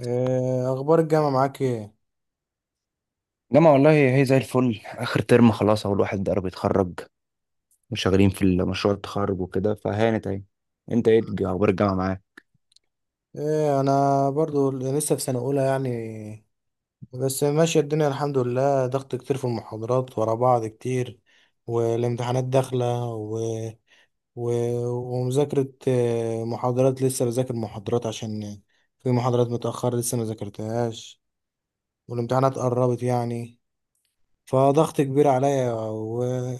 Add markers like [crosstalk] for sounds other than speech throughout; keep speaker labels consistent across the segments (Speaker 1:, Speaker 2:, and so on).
Speaker 1: إيه اخبار الجامعه معاك ايه؟
Speaker 2: جامعة والله هي زي الفل، آخر ترم خلاص أهو الواحد قرب يتخرج، وشغالين في مشروع التخرج وكده فهانت أهي. أنت إيه أخبار الجامعة معاك؟
Speaker 1: ايه، انا برضو لسه في سنه اولى يعني، بس ماشيه الدنيا الحمد لله. ضغط كتير في المحاضرات ورا بعض كتير، والامتحانات داخله و... ومذاكره. محاضرات لسه بذاكر محاضرات عشان في محاضرات متاخره لسه ما ذاكرتهاش، والامتحانات قربت يعني، فضغط كبير عليا، وان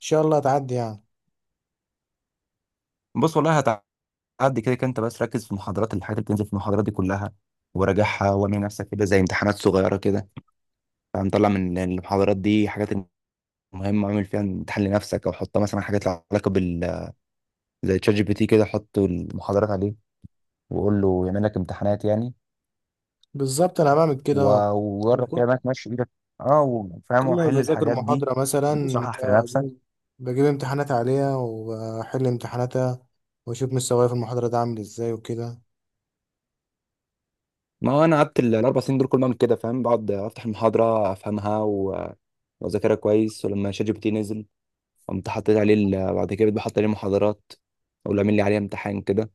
Speaker 1: شاء الله هتعدي يعني.
Speaker 2: بص والله، هتعدي كده كده، أنت بس ركز في المحاضرات، الحاجات اللي بتنزل في المحاضرات دي كلها وراجعها، واعمل نفسك كده زي امتحانات صغيرة كده. فمطلع من المحاضرات دي حاجات مهمة اعمل فيها امتحان لنفسك، أو حط مثلا حاجات لها علاقة زي تشات جي بي تي كده، حط المحاضرات عليه وقول له يعمل لك امتحانات يعني.
Speaker 1: بالظبط انا بعمل كده. اه،
Speaker 2: و- وجرب كده انك ماشي ايدك، اه، وفاهم
Speaker 1: كل ما
Speaker 2: وحل
Speaker 1: بذاكر
Speaker 2: الحاجات دي
Speaker 1: محاضرة مثلا
Speaker 2: وصحح في نفسك.
Speaker 1: بجيب بجيب امتحانات عليها، وبحل امتحاناتها، وأشوف مستواي في المحاضرة ده عامل ازاي وكده.
Speaker 2: ما هو انا قعدت الاربع سنين دول كل ما اعمل كده، فاهم، بقعد افتح المحاضره، افهمها و- واذاكرها كويس. ولما شات جي بي تي نزل، قمت حطيت عليه بعد كده بقيت بحط عليه محاضرات، اقول له اعمل لي عليه امتحان كده،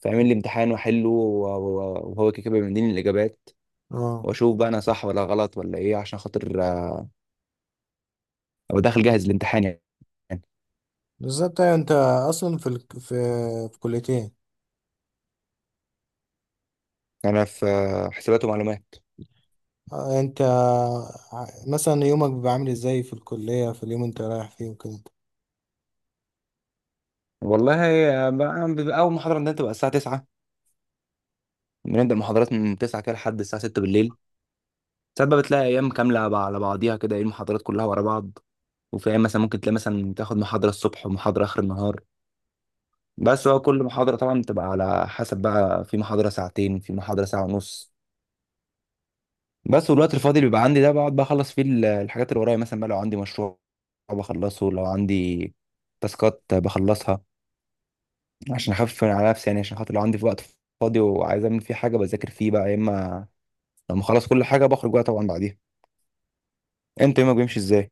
Speaker 2: فيعمل لي امتحان واحله و- و- وهو كده كده بيديني الاجابات،
Speaker 1: اه
Speaker 2: واشوف بقى انا صح ولا غلط ولا ايه، عشان خاطر ابقى داخل جاهز الامتحان يعني.
Speaker 1: بالظبط. أيوة انت أصلا في ال... في في كليتين.
Speaker 2: يعني انا في حسابات ومعلومات.
Speaker 1: انت مثلا يومك بيبقى عامل ازاي في الكلية في اليوم انت رايح فيه وكده؟
Speaker 2: والله هي بيبقى اول محاضره عندنا بتبقى الساعه 9، بنبدا محاضرات من 9 كده لحد الساعه 6 بالليل. ساعات بقى بتلاقي ايام كامله على بعضيها كده، ايه، المحاضرات كلها ورا بعض. وفي ايام مثلا ممكن تلاقي مثلا تاخد محاضره الصبح ومحاضره اخر النهار. بس هو كل محاضره طبعا بتبقى على حسب، بقى في محاضره ساعتين، في محاضره ساعه ونص. بس والوقت الفاضي اللي بيبقى عندي ده بقعد بقى اخلص فيه الحاجات اللي ورايا، مثلا بقى لو عندي مشروع بخلصه، لو عندي تاسكات بخلصها، عشان اخفف على نفسي يعني. عشان خاطر لو عندي في وقت فاضي وعايز اعمل فيه حاجه، بذاكر فيه بقى، يا اما لما اخلص كل حاجه بخرج بقى طبعا بعديها. انت يومك بيمشي ازاي؟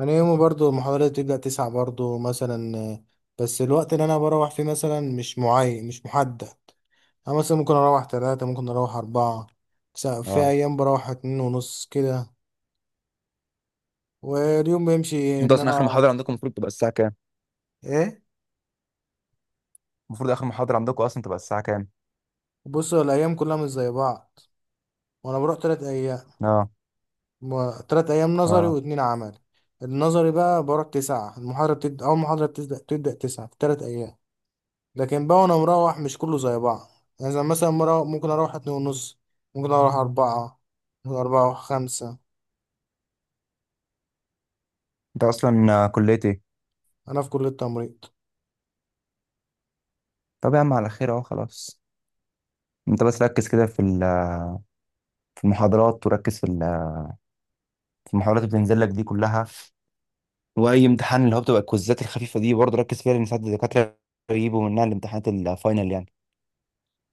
Speaker 1: أنا يومي برضو المحاضرات بتبدأ 9 برضو مثلا، بس الوقت اللي أنا بروح فيه مثلا مش معين، مش محدد. أنا مثلا ممكن أروح 3، ممكن أروح 4. في
Speaker 2: اه.
Speaker 1: أيام بروح 2:30 كده. واليوم بيمشي إيه؟
Speaker 2: انت
Speaker 1: إن
Speaker 2: اصلا اخر
Speaker 1: أنا
Speaker 2: محاضره عندكم المفروض تبقى الساعه كام؟
Speaker 1: إيه.
Speaker 2: المفروض اخر محاضره عندكم اصلا تبقى الساعه كام؟
Speaker 1: بص، هو الأيام كلها مش زي بعض، وأنا بروح 3 أيام.
Speaker 2: اه.
Speaker 1: 3 أيام نظري
Speaker 2: اه.
Speaker 1: واتنين عملي. النظري بقى بروح 9 المحاضرة، بتبدأ، أول محاضرة بتبدأ 9 في 3 أيام. لكن بقى وأنا مروح مش كله زي بعض. يعني زي مثلا مرة ممكن أروح 2:30، ممكن أروح أربعة، ممكن أروح 5.
Speaker 2: انت اصلا كليه ايه؟
Speaker 1: أنا في كلية تمريض.
Speaker 2: طب يا عم على خير، اهو خلاص. انت بس ركز كده في في المحاضرات، وركز في في المحاضرات اللي بتنزل لك دي كلها. واي امتحان اللي هو بتبقى الكوزات الخفيفه دي برضه ركز فيها، لان ساعات الدكاتره يجيبوا منها الامتحانات الفاينل يعني.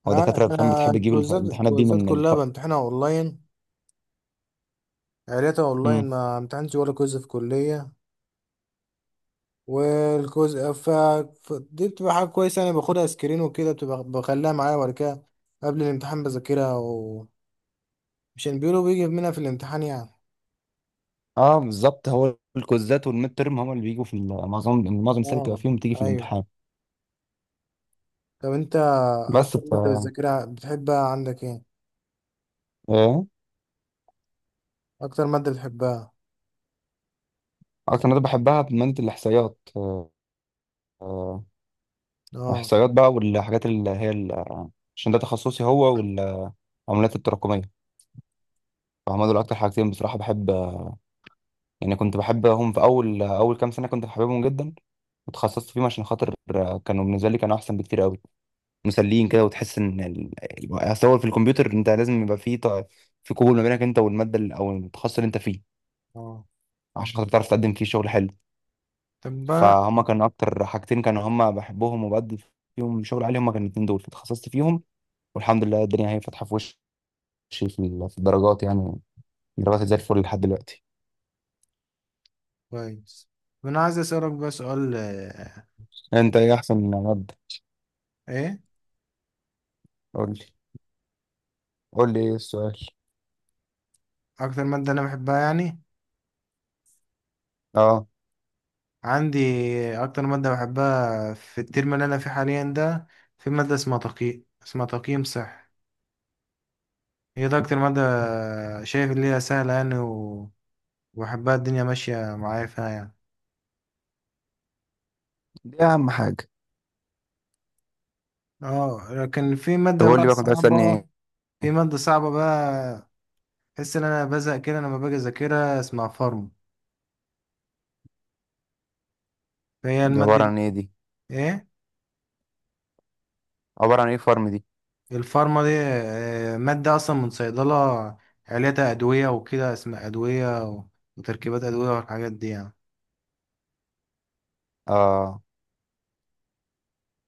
Speaker 2: هو
Speaker 1: انا
Speaker 2: دكاترة فاهم
Speaker 1: أنا
Speaker 2: بتحب تجيب
Speaker 1: الكويزات،
Speaker 2: الامتحانات دي
Speaker 1: الكويزات
Speaker 2: من
Speaker 1: كلها بامتحنها اونلاين. عيلتها اونلاين،
Speaker 2: مم.
Speaker 1: ما امتحنتش ولا كويز في كليه. والكويز ف... دي بتبقى حاجه كويسه. انا باخدها سكرين وكده، بتبقى بخليها معايا، وبعد كده قبل الامتحان بذاكرها، ومشان بيقولوا بيجي منها في الامتحان يعني.
Speaker 2: اه، بالظبط، هو الكوزات والميد ترم هم اللي بيجوا في معظم السنة بتبقى
Speaker 1: اه.
Speaker 2: فيهم، بتيجي في
Speaker 1: ايوه.
Speaker 2: الامتحان.
Speaker 1: طب انت
Speaker 2: بس
Speaker 1: اكتر
Speaker 2: ف،
Speaker 1: ماده بتذاكرها بتحبها عندك ايه؟
Speaker 2: ايه،
Speaker 1: اكتر ماده بتحبها.
Speaker 2: اكتر مادة بحبها مادة الاحصائيات. آه،
Speaker 1: اه.
Speaker 2: احصائيات بقى، والحاجات اللي هي عشان ده تخصصي هو، والعمليات التراكمية. فهم دول اكتر حاجتين بصراحة بحب. يعني كنت بحبهم في اول، اول كام سنة كنت بحبهم جدا، وتخصصت فيهم، عشان خاطر كانوا بالنسبة لي كانوا احسن بكتير قوي، مسليين كده، وتحس ان اصل هو في الكمبيوتر انت لازم يبقى فيه في قبول ما بينك انت والماده او التخصص اللي انت فيه،
Speaker 1: اه.
Speaker 2: عشان خاطر تعرف تقدم فيه شغل حلو.
Speaker 1: طب بقى
Speaker 2: فهم كان اكتر حاجتين كانوا هم بحبهم وبقدم فيهم شغل عالي، هم كانوا الاتنين دول فتخصصت فيهم. والحمد لله الدنيا هي فاتحه في وشي في في الدرجات يعني، درجاتي زي الفل لحد دلوقتي.
Speaker 1: كويس. طب انا عايز اسالك بقى سؤال.
Speaker 2: انت ايه احسن ماده؟
Speaker 1: ايه
Speaker 2: قول لي، قول لي ايه السؤال.
Speaker 1: اكتر ماده انا بحبها يعني؟
Speaker 2: اه،
Speaker 1: عندي اكتر ماده بحبها في الترم اللي انا فيه حاليا ده، في ماده اسمها تقييم، اسمها تقييم صحي. هي ده اكتر ماده شايف اللي هي سهله يعني، وبحبها، الدنيا ماشيه معايا فيها يعني.
Speaker 2: دي اهم حاجه.
Speaker 1: اه لكن في
Speaker 2: طب
Speaker 1: ماده
Speaker 2: قول لي
Speaker 1: بقى
Speaker 2: بقى كنت عايز تسالني
Speaker 1: صعبه.
Speaker 2: ايه؟
Speaker 1: في ماده صعبه بقى، بحس ان انا بزهق كده لما باجي اذاكرها، اسمها فارما. فهي
Speaker 2: دي
Speaker 1: الماده
Speaker 2: عباره
Speaker 1: دي.
Speaker 2: عن ايه دي؟
Speaker 1: ايه
Speaker 2: عباره عن ايه فارم دي؟
Speaker 1: الفارما دي؟ ماده اصلا من صيدله. عليتها ادويه وكده، اسمها ادويه وتركيبات ادويه والحاجات دي يعني.
Speaker 2: اه.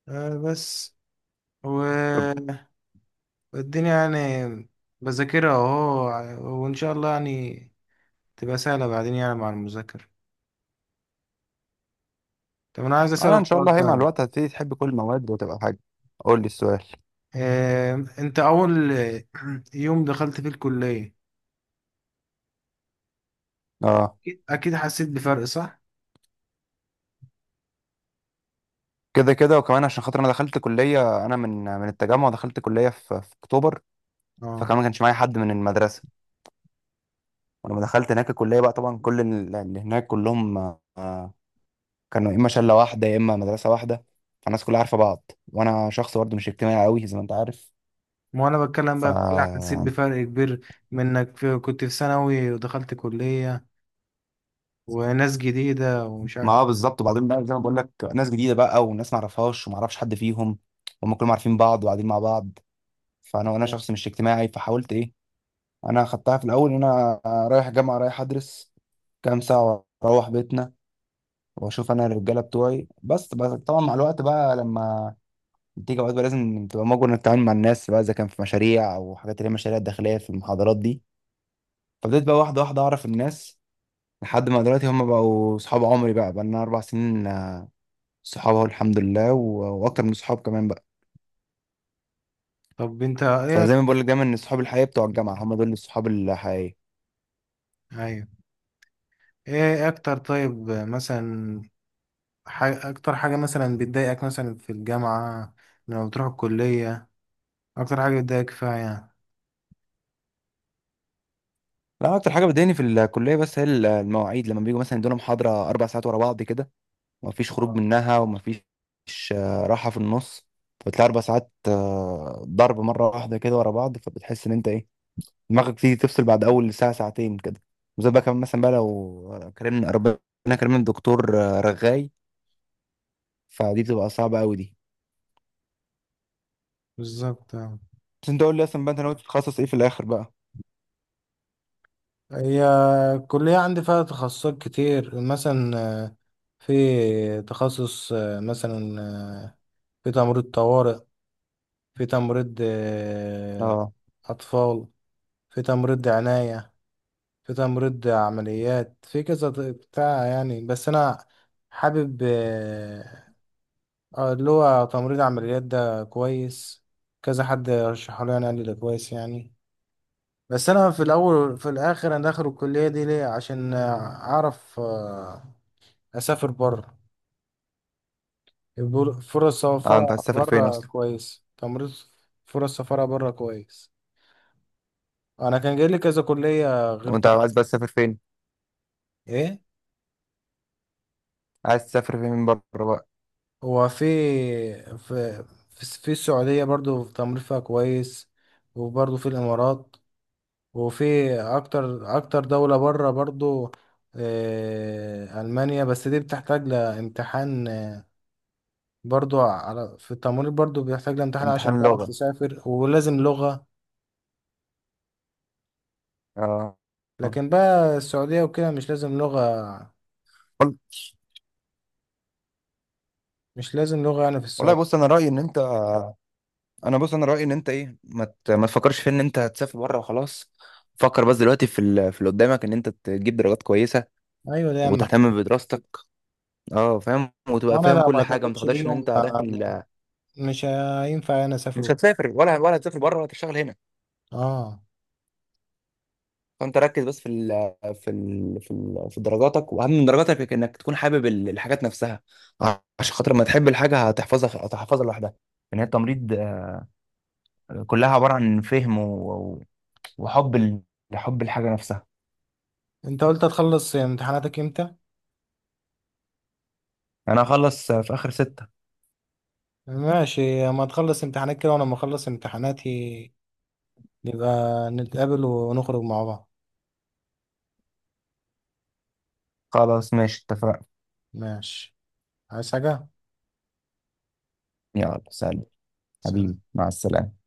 Speaker 1: آه بس و... والدنيا يعني، بذاكرها اهو، وان شاء الله يعني تبقى سهلة بعدين يعني مع المذاكرة. طب انا عايز
Speaker 2: انا ان
Speaker 1: اسألك
Speaker 2: شاء
Speaker 1: سؤال
Speaker 2: الله هي مع
Speaker 1: طيب.
Speaker 2: الوقت هتبتدي تحب كل المواد وتبقى حاجه. قول لي السؤال.
Speaker 1: آه انت اول [clears throat] يوم دخلت فيه الكلية
Speaker 2: اه،
Speaker 1: اكيد أكيد حسيت بفرق، صح؟
Speaker 2: كده كده، وكمان عشان خاطر انا دخلت كليه، انا من التجمع، دخلت كليه في, في اكتوبر،
Speaker 1: اه،
Speaker 2: فكمان ما كانش معايا حد من المدرسه. ولما دخلت هناك الكليه بقى، طبعا كل اللي هناك كلهم آه، كانوا يا اما شله واحده يا اما مدرسه واحده، فالناس كلها عارفه بعض، وانا شخص برضه مش اجتماعي قوي زي ما انت عارف.
Speaker 1: ما انا بتكلم
Speaker 2: ف،
Speaker 1: بقى في كده، حسيت بفرق كبير من انك كنت في ثانوي ودخلت كلية وناس جديدة ومش
Speaker 2: ما
Speaker 1: عارف.
Speaker 2: هو بالظبط. وبعدين بقى زي ما بقول لك، ناس جديده بقى، وناس ما اعرفهاش وما اعرفش حد فيهم، هم كلهم عارفين بعض وقاعدين مع بعض. فانا وانا شخص مش اجتماعي، فحاولت ايه، انا خدتها في الاول ان انا رايح جامعه، رايح ادرس كام ساعه واروح بيتنا واشوف انا الرجاله بتوعي بس. طبعا مع الوقت بقى، لما تيجي اوقات بقى، لازم تبقى مجبر انك تتعامل مع الناس بقى، اذا كان في مشاريع او حاجات اللي هي مشاريع داخليه في المحاضرات دي. فبدأت بقى واحده واحده اعرف الناس، لحد ما دلوقتي هم بقوا صحاب عمري، بقى بقى لنا اربع سنين صحاب اهو، الحمد لله، و- واكتر من صحاب كمان بقى.
Speaker 1: طب انت ايه؟
Speaker 2: فزي ما بقول لك، دايما ان صحاب الحقيقيه بتوع الجامعه هم دول الصحاب الحقيقيه.
Speaker 1: ايوه، ايه اكتر؟ طيب مثلا حاجة، أكتر حاجة مثلا بتضايقك مثلا في الجامعة لما بتروح الكلية، أكتر حاجة بتضايقك فيها يعني؟
Speaker 2: لا، اكتر حاجه بتضايقني في الكليه بس هي المواعيد، لما بيجوا مثلا يدونا محاضره اربع ساعات ورا بعض كده، ومفيش خروج منها، ومفيش راحه في النص. فبتلاقي اربع ساعات ضرب مره واحده كده ورا بعض، فبتحس ان انت ايه، دماغك تيجي تفصل بعد اول ساعه، ساعتين كده. وزي بقى كمان مثلا بقى لو كرمنا ربنا، كرمنا الدكتور رغاي، فدي بتبقى صعبه قوي دي.
Speaker 1: بالظبط آه.
Speaker 2: بس انت قول لي اصلا بقى، انت ناوي تتخصص ايه في الاخر بقى؟
Speaker 1: هي الكلية عندي فيها تخصصات كتير مثلا، آه، في تخصص، آه، مثلا آه، في تمريض طوارئ، في تمريض
Speaker 2: اه.
Speaker 1: أطفال، في تمريض عناية، في تمريض عمليات، في كذا بتاع يعني. بس أنا حابب، اه، اللي هو تمريض عمليات ده كويس. كذا حد رشحه لي يعني، قال لي ده كويس يعني. بس انا في الاول في الاخر انا داخل الكليه دي ليه؟ عشان اعرف اسافر بره. يقول فرص
Speaker 2: اه، انت عايز
Speaker 1: سفاره
Speaker 2: تسافر فين
Speaker 1: بره
Speaker 2: اصلا؟
Speaker 1: كويس تمريض. فرص سفاره بره كويس. انا كان جاي لي كذا كليه غير
Speaker 2: وانت
Speaker 1: طب.
Speaker 2: عايز بقى تسافر فين؟
Speaker 1: ايه،
Speaker 2: عايز تسافر فين من بره بقى؟
Speaker 1: هو في في في السعوديه برضو في تمريض فيها كويس، وبرضو في الامارات، وفي اكتر اكتر دولة بره برضو. المانيا بس دي بتحتاج لامتحان، برضو على، في التمريض برضو بيحتاج لامتحان
Speaker 2: امتحان
Speaker 1: عشان
Speaker 2: لغه.
Speaker 1: تعرف تسافر، ولازم لغة.
Speaker 2: اه. آه.
Speaker 1: لكن بقى السعودية وكده مش لازم لغة.
Speaker 2: وال-
Speaker 1: مش لازم لغة يعني في
Speaker 2: والله
Speaker 1: السعودية.
Speaker 2: بص، انا رايي ان انت، انا بص انا رايي ان انت ايه، ما تفكرش في ان انت هتسافر بره وخلاص. فكر بس دلوقتي في في اللي قدامك، ان انت تجيب درجات كويسه
Speaker 1: ايوه ده اهم حاجة.
Speaker 2: وتهتم بدراستك. اه، فاهم، وتبقى
Speaker 1: وانا
Speaker 2: فاهم
Speaker 1: لو ما
Speaker 2: كل حاجه، ما
Speaker 1: اعتمدتش
Speaker 2: تاخدهاش ان
Speaker 1: بيهم،
Speaker 2: انت داخل
Speaker 1: مش هينفع انا اسافر
Speaker 2: مش
Speaker 1: وكده.
Speaker 2: هتسافر. ولا هتسافر بره، ولا هتشتغل هنا.
Speaker 1: اه.
Speaker 2: فانت ركز بس في ال في في, في درجاتك، واهم من درجاتك انك تكون حابب الحاجات نفسها، عشان خاطر ما تحب الحاجه هتحفظها، هتحفظها لوحدها. ان هي التمريض كلها عباره عن فهم وحب حب الحاجة نفسها.
Speaker 1: انت قلت هتخلص امتحاناتك امتى؟
Speaker 2: يعني أنا هخلص في آخر ستة.
Speaker 1: ماشي، اما تخلص امتحانات كده وانا ما اخلص امتحاناتي، يبقى نتقابل ونخرج مع بعض.
Speaker 2: خلاص ماشي، اتفقنا.
Speaker 1: ماشي. عايز حاجة؟
Speaker 2: يلا سلام.
Speaker 1: سلام.
Speaker 2: حبيبي مع السلامة.